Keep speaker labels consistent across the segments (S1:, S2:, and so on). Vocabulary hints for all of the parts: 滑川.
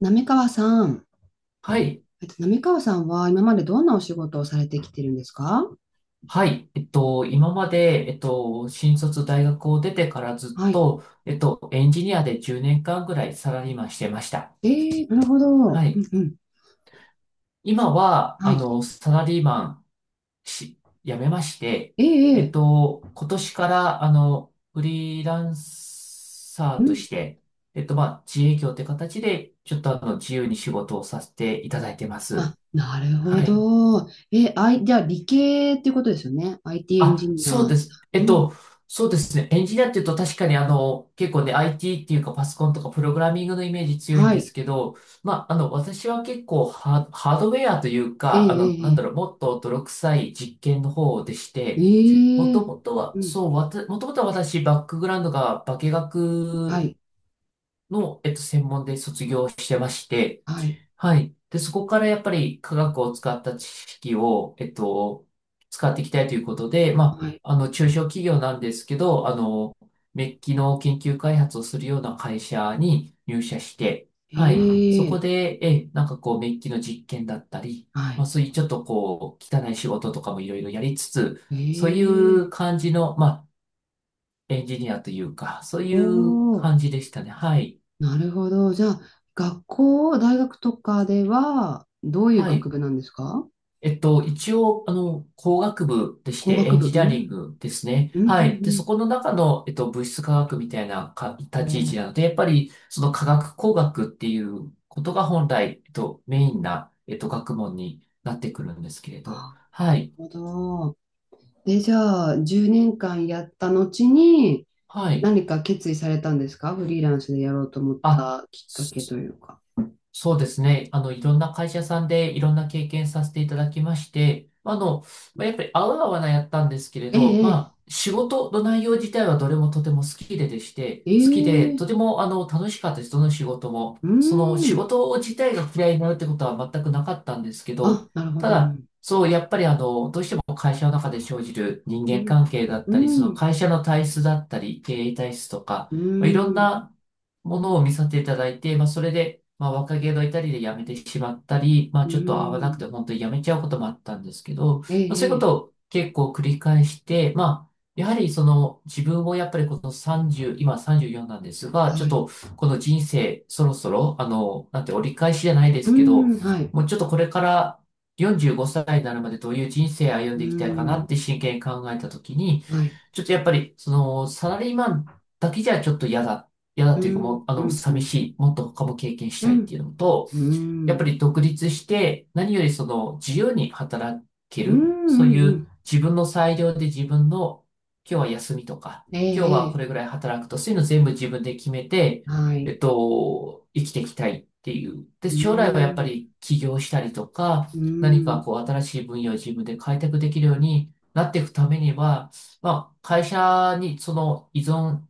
S1: 滑川さん、
S2: はい。
S1: 滑川さんは今までどんなお仕事をされてきてるんですか？
S2: はい。今まで、新卒大学を出てからずっ
S1: はい。
S2: と、エンジニアで10年間ぐらいサラリーマンしてました。
S1: えー、なるほ
S2: は
S1: ど。う
S2: い。
S1: んうん。
S2: 今は、
S1: はい。
S2: サラリーマンし、辞めまして、
S1: えーえ
S2: 今年から、フリーランサー
S1: ー、う
S2: と
S1: ん。
S2: して、自営業って形で、ちょっと自由に仕事をさせていただいてます。
S1: あ、なるほ
S2: はい。
S1: ど。あい、じゃあ理系っていうことですよね。IT エンジ
S2: あ、
S1: ニ
S2: そう
S1: ア。
S2: です。
S1: うん。
S2: そうですね。エンジニアっていうと確かに結構ね、IT っていうかパソコンとかプログラミングのイメージ強いん
S1: は
S2: です
S1: い。
S2: けど、私は結構ハードウェアという
S1: え
S2: か、な
S1: ー、
S2: んだ
S1: え
S2: ろう、もっと泥臭い実験の方でし
S1: ー、え
S2: て、もと
S1: ー、
S2: もとは、
S1: えー、うん。
S2: そう、もともとは私、バックグラウンドが化
S1: は
S2: 学
S1: い。
S2: の、専門で卒業してまして、
S1: はい。
S2: はい。で、そこからやっぱり科学を使った知識を、使っていきたいということで、
S1: はい。
S2: 中小企業なんですけど、メッキの研究開発をするような会社に入社して、はい。そこ
S1: ええ、
S2: で、なんかこう、メッキの実験だったり、
S1: はい。
S2: そういうちょっとこう、汚い仕事とかもいろいろやりつつ、
S1: え
S2: そういう
S1: え、
S2: 感じの、エンジニアというか、そういう
S1: おー。
S2: 感じでしたね。はい。
S1: なるほど。じゃあ、学校、大学とかでは、どういう
S2: は
S1: 学
S2: い。
S1: 部なんですか？
S2: 一応、工学部でし
S1: 工
S2: て、
S1: 学
S2: エン
S1: 部。う
S2: ジニアリン
S1: ん。
S2: グですね。
S1: うん、う
S2: はい。で、
S1: ん、
S2: そこの中の、物質科学みたいなか
S1: う
S2: 立ち位
S1: ん。お
S2: 置
S1: ー。
S2: なので、やっぱり、その科学工学っていうことが本来、メインな、学問になってくるんですけれど。
S1: あ、
S2: は
S1: なる
S2: い。
S1: ほど。で、じゃあ、10年間やった後に、
S2: はい。
S1: 何か決意されたんですか？フリーランスでやろうと思っ
S2: あ、
S1: たきっかけというか。
S2: そうですね。いろんな会社さんでいろんな経験させていただきまして、やっぱり合う合わないやったんですけれ
S1: え
S2: ど、
S1: え、
S2: 仕事の内容自体はどれもとても好きででして、
S1: え
S2: 好きで、
S1: え、え
S2: とて
S1: え、
S2: も楽しかったです。どの仕事も。
S1: うー
S2: その仕
S1: ん。
S2: 事自体が嫌いになるってことは全くなかったんですけど、
S1: あ、なるほ
S2: た
S1: ど。う
S2: だ、
S1: ん、
S2: そう、やっぱりどうしても会社の中で生じる人
S1: う
S2: 間
S1: ん、
S2: 関係だっ
S1: う
S2: たり、その
S1: ん、
S2: 会社の体質だったり、経営体質とか、
S1: う
S2: いろん
S1: ん、
S2: なものを見させていただいて、それで、若気の至りで辞めてしまったり、
S1: う
S2: ちょっと合わなく
S1: ん、
S2: て本当に辞めちゃうこともあったんですけど、
S1: え
S2: そういう
S1: え、
S2: こ
S1: ええ、
S2: とを結構繰り返して、やはりその自分もやっぱりこの30、今34なんですが、ちょ
S1: は
S2: っ
S1: い。
S2: とこの人生そろそろ、なんて折り返しじゃないで
S1: う
S2: すけど、
S1: ん、はい。
S2: もうちょっとこれから45歳になるまでどういう人生歩ん
S1: う
S2: でいきたいかなっ
S1: ん、
S2: て真剣に考えたときに、
S1: はい。
S2: ちょっとやっぱりそのサラリーマンだけじゃちょっと嫌だ嫌だ
S1: う
S2: というかも
S1: ん、
S2: う、
S1: うん、う
S2: 寂し
S1: ん。
S2: い、もっと他も経験し
S1: う
S2: たいっ
S1: ん、
S2: ていうのと、
S1: う
S2: やっぱ
S1: ん。
S2: り独立して、何よりその自由に働け
S1: うん、うん、
S2: る、そうい
S1: う
S2: う
S1: ん。
S2: 自分の裁量で自分の、今日は休みとか、
S1: え
S2: 今日
S1: え、え
S2: はこ
S1: え。
S2: れぐらい働くと、そういうの全部自分で決めて、
S1: はい。
S2: 生きていきたいっていう。で、
S1: う
S2: 将来はやっぱ
S1: ん、
S2: り起業したりとか、
S1: う
S2: 何か
S1: ん、
S2: こう新しい分野を自分で開拓できるようになっていくためには、まあ、会社にその依存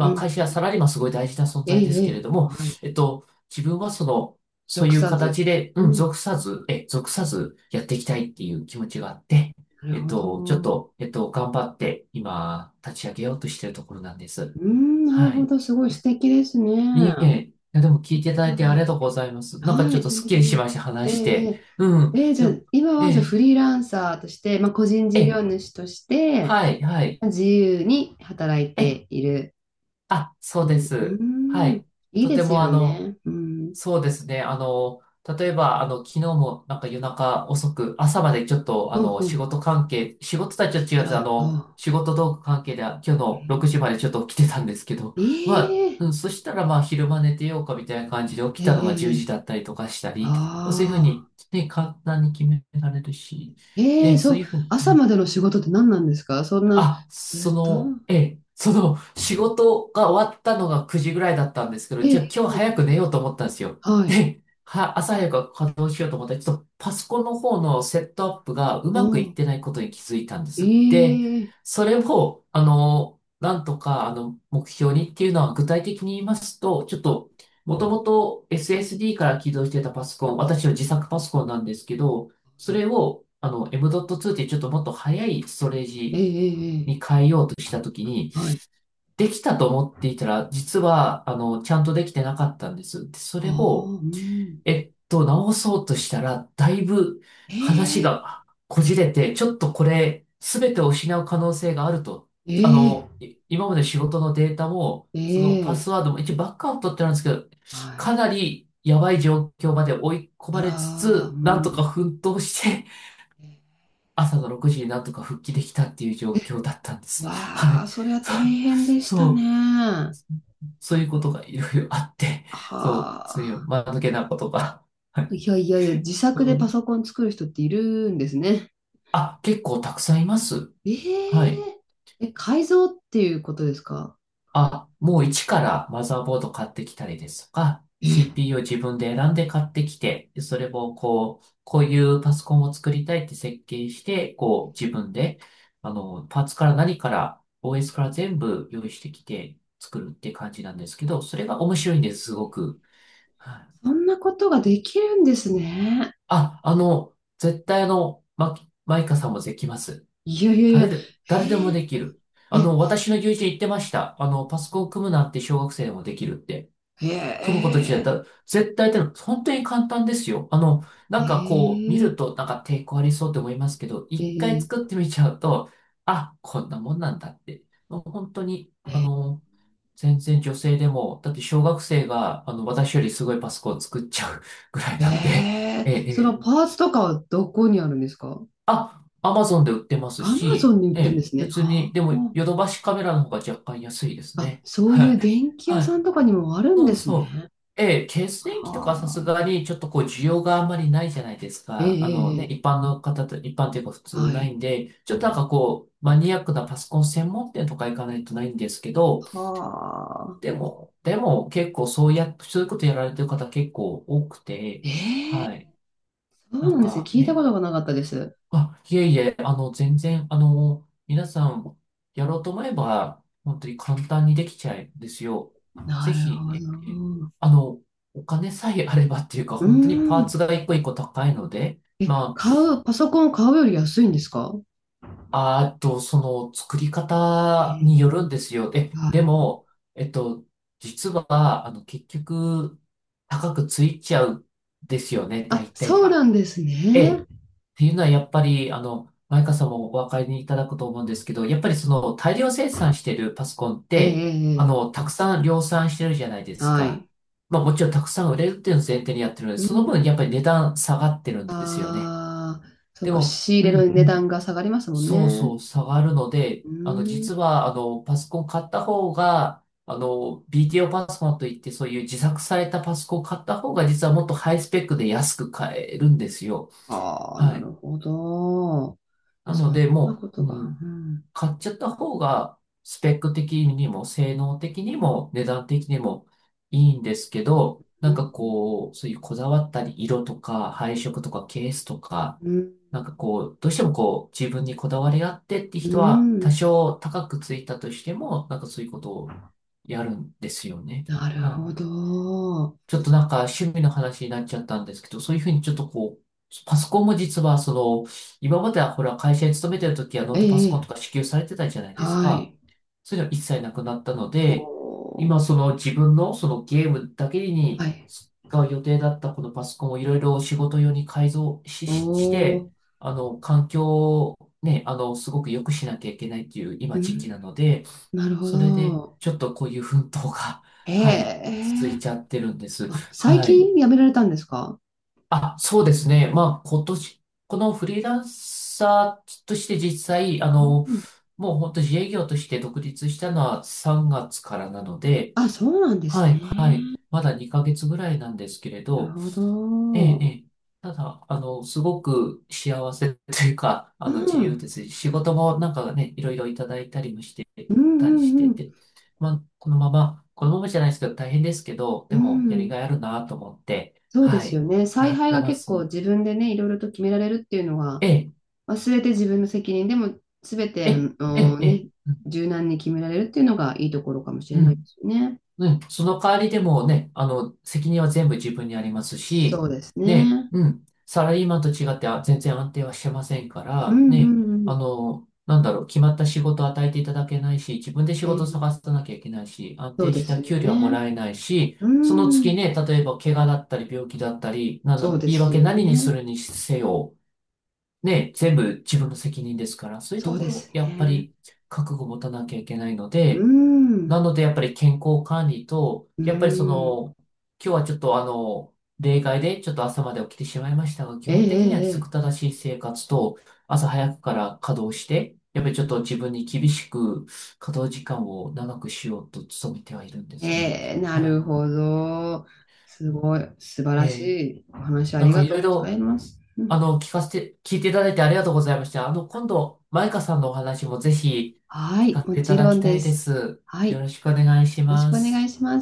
S1: う
S2: あ、会
S1: ん、
S2: 社
S1: う
S2: やサ
S1: ん。
S2: ラリーマンすごい大事な存
S1: ええ、
S2: 在です
S1: え
S2: けれ
S1: え。
S2: ども、
S1: はい。
S2: えっと、自分はその、そう
S1: 属
S2: いう
S1: さず。
S2: 形で、
S1: う
S2: うん、
S1: ん、
S2: 属さずやっていきたいっていう気持ちがあって、
S1: なる
S2: えっ
S1: ほ
S2: と、ちょっ
S1: ど。う
S2: と、えっと、頑張って今、立ち上げようとしているところなんです。
S1: ん、なる
S2: は
S1: ほ
S2: い。
S1: ど。すごい素敵ですね。
S2: いえい
S1: あ
S2: え、いやでも聞いていただいてありが
S1: あ、
S2: とうございます。なんか
S1: は
S2: ちょっ
S1: い、
S2: と
S1: とん
S2: すっ
S1: で
S2: き
S1: も
S2: りし
S1: ない。
S2: ました、
S1: え
S2: 話し
S1: え、え
S2: て。
S1: え。
S2: うん。
S1: ええ、じゃ
S2: で
S1: あ、
S2: も、
S1: 今
S2: え
S1: はじゃあ
S2: え、
S1: フリーランサーとして、まあ、個人
S2: え
S1: 事業
S2: え、
S1: 主として、
S2: はい、はい。
S1: 自由に働い
S2: ええ、
S1: ている
S2: あ、
S1: っ
S2: そ
S1: て
S2: うで
S1: いう。う
S2: す。は
S1: ん、
S2: い。
S1: いい
S2: と
S1: で
S2: て
S1: す
S2: も
S1: よね。うん。
S2: そうですね。例えば、昨日もなんか夜中遅く、朝までちょっと、
S1: うんう
S2: 仕
S1: ん。
S2: 事関係、仕事とはちょっと違うん
S1: あ
S2: です。
S1: ら、あ、
S2: 仕事道具関係で今日の6時までちょっと起きてたんですけど、
S1: え ええー、
S2: そしたら昼間寝てようかみたいな感じで起
S1: え
S2: きたのが10
S1: ー、
S2: 時
S1: えー、
S2: だったりとかしたり、そういうふう
S1: あ
S2: に、
S1: あ、
S2: ね、簡単に決められるし、
S1: え
S2: ね、
S1: え、
S2: そう
S1: そ
S2: い
S1: う、
S2: うふうに、
S1: 朝までの仕事って何なんですか？そんな、
S2: あ、
S1: ず
S2: そ
S1: っと、
S2: の、ええ、その、仕事が終わったのが9時ぐらいだったんですけど、じゃ
S1: え
S2: あ今日
S1: え、
S2: 早く寝ようと思ったんですよ。
S1: はい、
S2: で、朝早く稼働しようと思ったら、ちょっとパソコンの方のセットアップがう
S1: お
S2: まくいっ
S1: ー、
S2: てないことに気づいたんです。で、
S1: ええ、
S2: それを、なんとか、目標にっていうのは具体的に言いますと、ちょっと、もともと SSD から起動してたパソコン、私の自作パソコンなんですけど、
S1: は
S2: そ
S1: い、
S2: れを、M.2 っていうちょっともっと早いストレー
S1: ええ
S2: ジ
S1: えええ
S2: に
S1: え、
S2: 変えようとしたときに、
S1: はい、
S2: できたと思っていたら、実は、ちゃんとできてなかったんです。で、そ
S1: あ
S2: れを、
S1: あ、うん、
S2: 直そうとしたら、だいぶ話
S1: え
S2: がこじれて、ちょっとこれ、すべてを失う可能性があると。
S1: ええ
S2: 今まで仕事のデータも、そのパ
S1: え、
S2: スワードも、一応バックアウトってなんですけど、
S1: は
S2: か
S1: い、
S2: なりやばい状況まで追い込まれつ
S1: あらー、
S2: つ、
S1: う
S2: なんとか
S1: ん、
S2: 奮闘して、朝の6時になんとか復帰できたっていう状況だったんですね。は
S1: わあ、
S2: い。
S1: それは
S2: そ
S1: 大
S2: う、
S1: 変でしたね。
S2: そう、
S1: は
S2: そういうことがいろいろあって、そう、そういう
S1: あ、
S2: 間抜けなことが。はい。
S1: いやいやいや、自
S2: う
S1: 作でパ
S2: ん、
S1: ソコン作る人っているんですね。
S2: あ、結構たくさんいます。
S1: え
S2: はい。
S1: ええ、改造っていうことですか？
S2: あ、もう一からマザーボード買ってきたりですとか、
S1: え、
S2: CPU を自分で選んで買ってきて、それをこう、こういうパソコンを作りたいって設計して、こう自分で、パーツから何から OS から全部用意してきて作るって感じなんですけど、それが面白いんです、すごく。はい。
S1: そんなことができるんですね。
S2: あ、絶対マイカさんもできます。
S1: いやいやいや、
S2: 誰でもできる。
S1: えー、え、
S2: 私の友人言ってました。パソコン組むなんて小学生でもできるって。組むこと自だっ
S1: え
S2: たら、絶対ってのは本当に簡単ですよ。
S1: ー、え
S2: なんかこう、見る
S1: ー、
S2: となんか抵抗ありそうって思いますけど、
S1: え
S2: 一回
S1: ー、
S2: 作
S1: え
S2: っ
S1: ー、
S2: てみちゃうと、あ、こんなもんなんだって。もう本当に、
S1: え
S2: 全然女性でも、だって小学生が、私よりすごいパソコンを作っちゃう ぐらい
S1: ー、
S2: なんで、
S1: え
S2: え
S1: ー、
S2: え、え
S1: その
S2: え、
S1: パーツとかはどこにあるんですか？
S2: あ、アマゾンで売ってます
S1: アマゾ
S2: し、
S1: ンに売っ
S2: え
S1: てるんで
S2: え、
S1: すね。
S2: 別
S1: あ
S2: に、でも、
S1: ー。
S2: ヨドバシカメラの方が若干安いです
S1: あ、
S2: ね。
S1: そう
S2: は
S1: いう
S2: い。
S1: 電気屋
S2: は
S1: さ
S2: い。
S1: んとかにもあるん
S2: そ
S1: で
S2: う
S1: すね。
S2: そう。ええ、電気とかさす
S1: はあ、
S2: がにちょっとこう需要があんまりないじゃないです
S1: えええ
S2: か。
S1: えええ、
S2: 一般の方と、一般というか普通
S1: は
S2: ない
S1: い。
S2: んで、ちょっとマニアックなパソコン専門店とか行かないとないんですけど、
S1: は
S2: で
S1: あ、
S2: も、でも結構そうや、そういうことやられてる方結構多くて、
S1: ええ、
S2: はい。
S1: そう
S2: な
S1: な
S2: ん
S1: んですね。
S2: か
S1: 聞いたこ
S2: ね、
S1: とがなかったです。
S2: あ、いえいえ、全然、皆さん、やろうと思えば、本当に簡単にできちゃうんですよ。
S1: な
S2: ぜ
S1: るほ
S2: ひ、ええ。
S1: ど。
S2: あの、お金さえあればっていうか、
S1: うー
S2: 本当にパー
S1: ん。
S2: ツが一個一個高いので、
S1: え、
S2: ま
S1: 買う、パソコン買うより安いんですか？
S2: あ、あーっと、その、作り方
S1: え
S2: によるんですよ。
S1: ー、
S2: え、
S1: は
S2: で
S1: い。
S2: も、えっと、実は、結局、高くついちゃうんですよね、
S1: あ、
S2: 大体
S1: そうな
S2: が。
S1: んです
S2: ええ。
S1: ね。
S2: っていうのはやっぱり、マイカさんもお分かりいただくと思うんですけど、やっぱりその大量生産してるパソコンっ
S1: ええ、え
S2: て、
S1: え、ええ、
S2: たくさん量産してるじゃないです
S1: は
S2: か。
S1: い。
S2: まあもちろんたくさん売れるっていうのを前提にやってるので、
S1: う
S2: その
S1: ん。
S2: 分やっぱり値段下がってるんですよね。
S1: ああ、そう
S2: で
S1: か、
S2: も、
S1: 仕入
S2: う
S1: れの
S2: んう
S1: 値段
S2: ん。
S1: が下がりますもん
S2: そうそ
S1: ね。
S2: う、下がるので、
S1: うー
S2: 実
S1: ん。
S2: は、パソコン買った方が、BTO パソコンといって、そういう自作されたパソコン買った方が、実はもっとハイスペックで安く買えるんですよ。
S1: はあ、
S2: は
S1: な
S2: い。
S1: るほど。
S2: な
S1: そ
S2: ので、
S1: んな
S2: も
S1: こと
S2: う、う
S1: が。う
S2: ん、
S1: ん。
S2: 買っちゃった方が、スペック的にも、性能的にも、値段的にもいいんですけど、
S1: うん。
S2: そういうこだわったり、色とか、配色とか、ケースとか、
S1: うん。
S2: なんかこう、どうしてもこう、自分にこだわりがあってって
S1: う
S2: 人は、多
S1: ん、
S2: 少高くついたとしても、なんかそういうことをやるんですよね。
S1: なる
S2: は
S1: ほ
S2: い。
S1: ど。
S2: ちょっとなんか趣味の話になっちゃったんですけど、そういうふうにちょっとこう、パソコンも実はその、今まではほら会社に勤めてる時はノー
S1: え
S2: トパ
S1: え、
S2: ソコン
S1: え
S2: とか
S1: え、
S2: 支給されてたじゃないです
S1: は
S2: か。
S1: い。
S2: そういうの一切なくなったの
S1: お
S2: で、
S1: ー、
S2: 今その自分のそのゲームだけ
S1: は
S2: に
S1: い。
S2: 使う予定だったこのパソコンをいろいろ仕事用に改造し、
S1: お
S2: しして、
S1: ー、
S2: 環境をね、すごく良くしなきゃいけないっていう今
S1: う
S2: 時期
S1: ん、
S2: なので、
S1: なるほ
S2: それで、
S1: ど。
S2: ちょっとこういう奮闘が、はい、
S1: え
S2: 続い
S1: え、
S2: ちゃってるんです。
S1: あ、最
S2: はい。
S1: 近やめられたんですか？
S2: あ、そうですね。まあ、今年、このフリーランサーとして実際、
S1: うん。
S2: もう本当自営業として独立したのは3月からなので、
S1: あ、そうなんです
S2: は
S1: ね。
S2: い、まだ2ヶ月ぐらいなんですけれ
S1: なる
S2: ど、
S1: ほ
S2: え
S1: ど。
S2: え、ええ。ただ、すごく幸せというか、
S1: う
S2: 自由で
S1: ん。
S2: すし、仕事もなんかね、いろいろいただいたりもして
S1: うんう
S2: たりして
S1: んうん。
S2: て、まあ、このままじゃないですけど、大変ですけど、で
S1: う
S2: も、やり
S1: ん。
S2: がいあるなと思って、
S1: そうで
S2: は
S1: すよ
S2: い、
S1: ね。
S2: や
S1: 采
S2: っ
S1: 配
S2: て
S1: が
S2: ま
S1: 結構
S2: す。
S1: 自分でね、いろいろと決められるっていうの
S2: え
S1: は、
S2: え、
S1: まあ、全て自分の責任でも、全て、
S2: え
S1: あ
S2: え、ええ、
S1: の
S2: ええ、
S1: ね、
S2: うん、
S1: 柔軟に決められるっていうのがいいところかもしれ
S2: う
S1: ないで
S2: ん。
S1: すよね。
S2: うん、その代わりでもね、責任は全部自分にあります
S1: そう
S2: し、
S1: です
S2: ね、
S1: ね。
S2: うん、サラリーマンと違ってあ全然安定はしてませんか
S1: う
S2: ら、
S1: んう
S2: ね、
S1: んうん。
S2: なんだろう、決まった仕事を与えていただけないし、自分で仕事を
S1: え
S2: 探
S1: え、
S2: さなきゃいけないし、安
S1: そう
S2: 定
S1: で
S2: し
S1: す
S2: た
S1: よ
S2: 給料はも
S1: ね。
S2: らえないし、
S1: う
S2: その月
S1: ん。
S2: ね、例えば怪我だったり病気だったり、な
S1: そ
S2: の、
S1: うで
S2: 言い
S1: すよ
S2: 訳何にす
S1: ね。
S2: るにせよ、ね、全部自分の責任ですから、そういう
S1: そ
S2: と
S1: う
S2: こ
S1: で
S2: ろ、
S1: す
S2: やっぱ
S1: ね。
S2: り覚悟を持たなきゃいけないの
S1: う
S2: で、
S1: ん。
S2: なので、やっぱり健康管理と、
S1: う
S2: やっぱりそ
S1: ん。
S2: の、今日はちょっと例外でちょっと朝まで起きてしまいましたが、基
S1: ええ、
S2: 本的には規
S1: ええ、
S2: 則正しい生活と、朝早くから稼働して、やっぱりちょっと自分に厳しく稼働時間を長くしようと努めてはいるんで
S1: ええ。
S2: すね。
S1: ええ、な
S2: は
S1: るほど。すごい。素晴
S2: い。
S1: らし
S2: えー
S1: いお話あ
S2: な
S1: り
S2: んか
S1: が
S2: い
S1: と
S2: ろ
S1: う
S2: い
S1: ござい
S2: ろ、
S1: ます。うん、
S2: 聞いていただいてありがとうございました。今度、マイカさんのお話もぜひ
S1: は
S2: 聞か
S1: い。
S2: せ
S1: も
S2: ていた
S1: ち
S2: だ
S1: ろ
S2: き
S1: ん
S2: た
S1: で
S2: いで
S1: す。
S2: す。
S1: は
S2: よ
S1: い。
S2: ろ
S1: よ
S2: しくお願いし
S1: ろし
S2: ま
S1: くお願い
S2: す。
S1: します。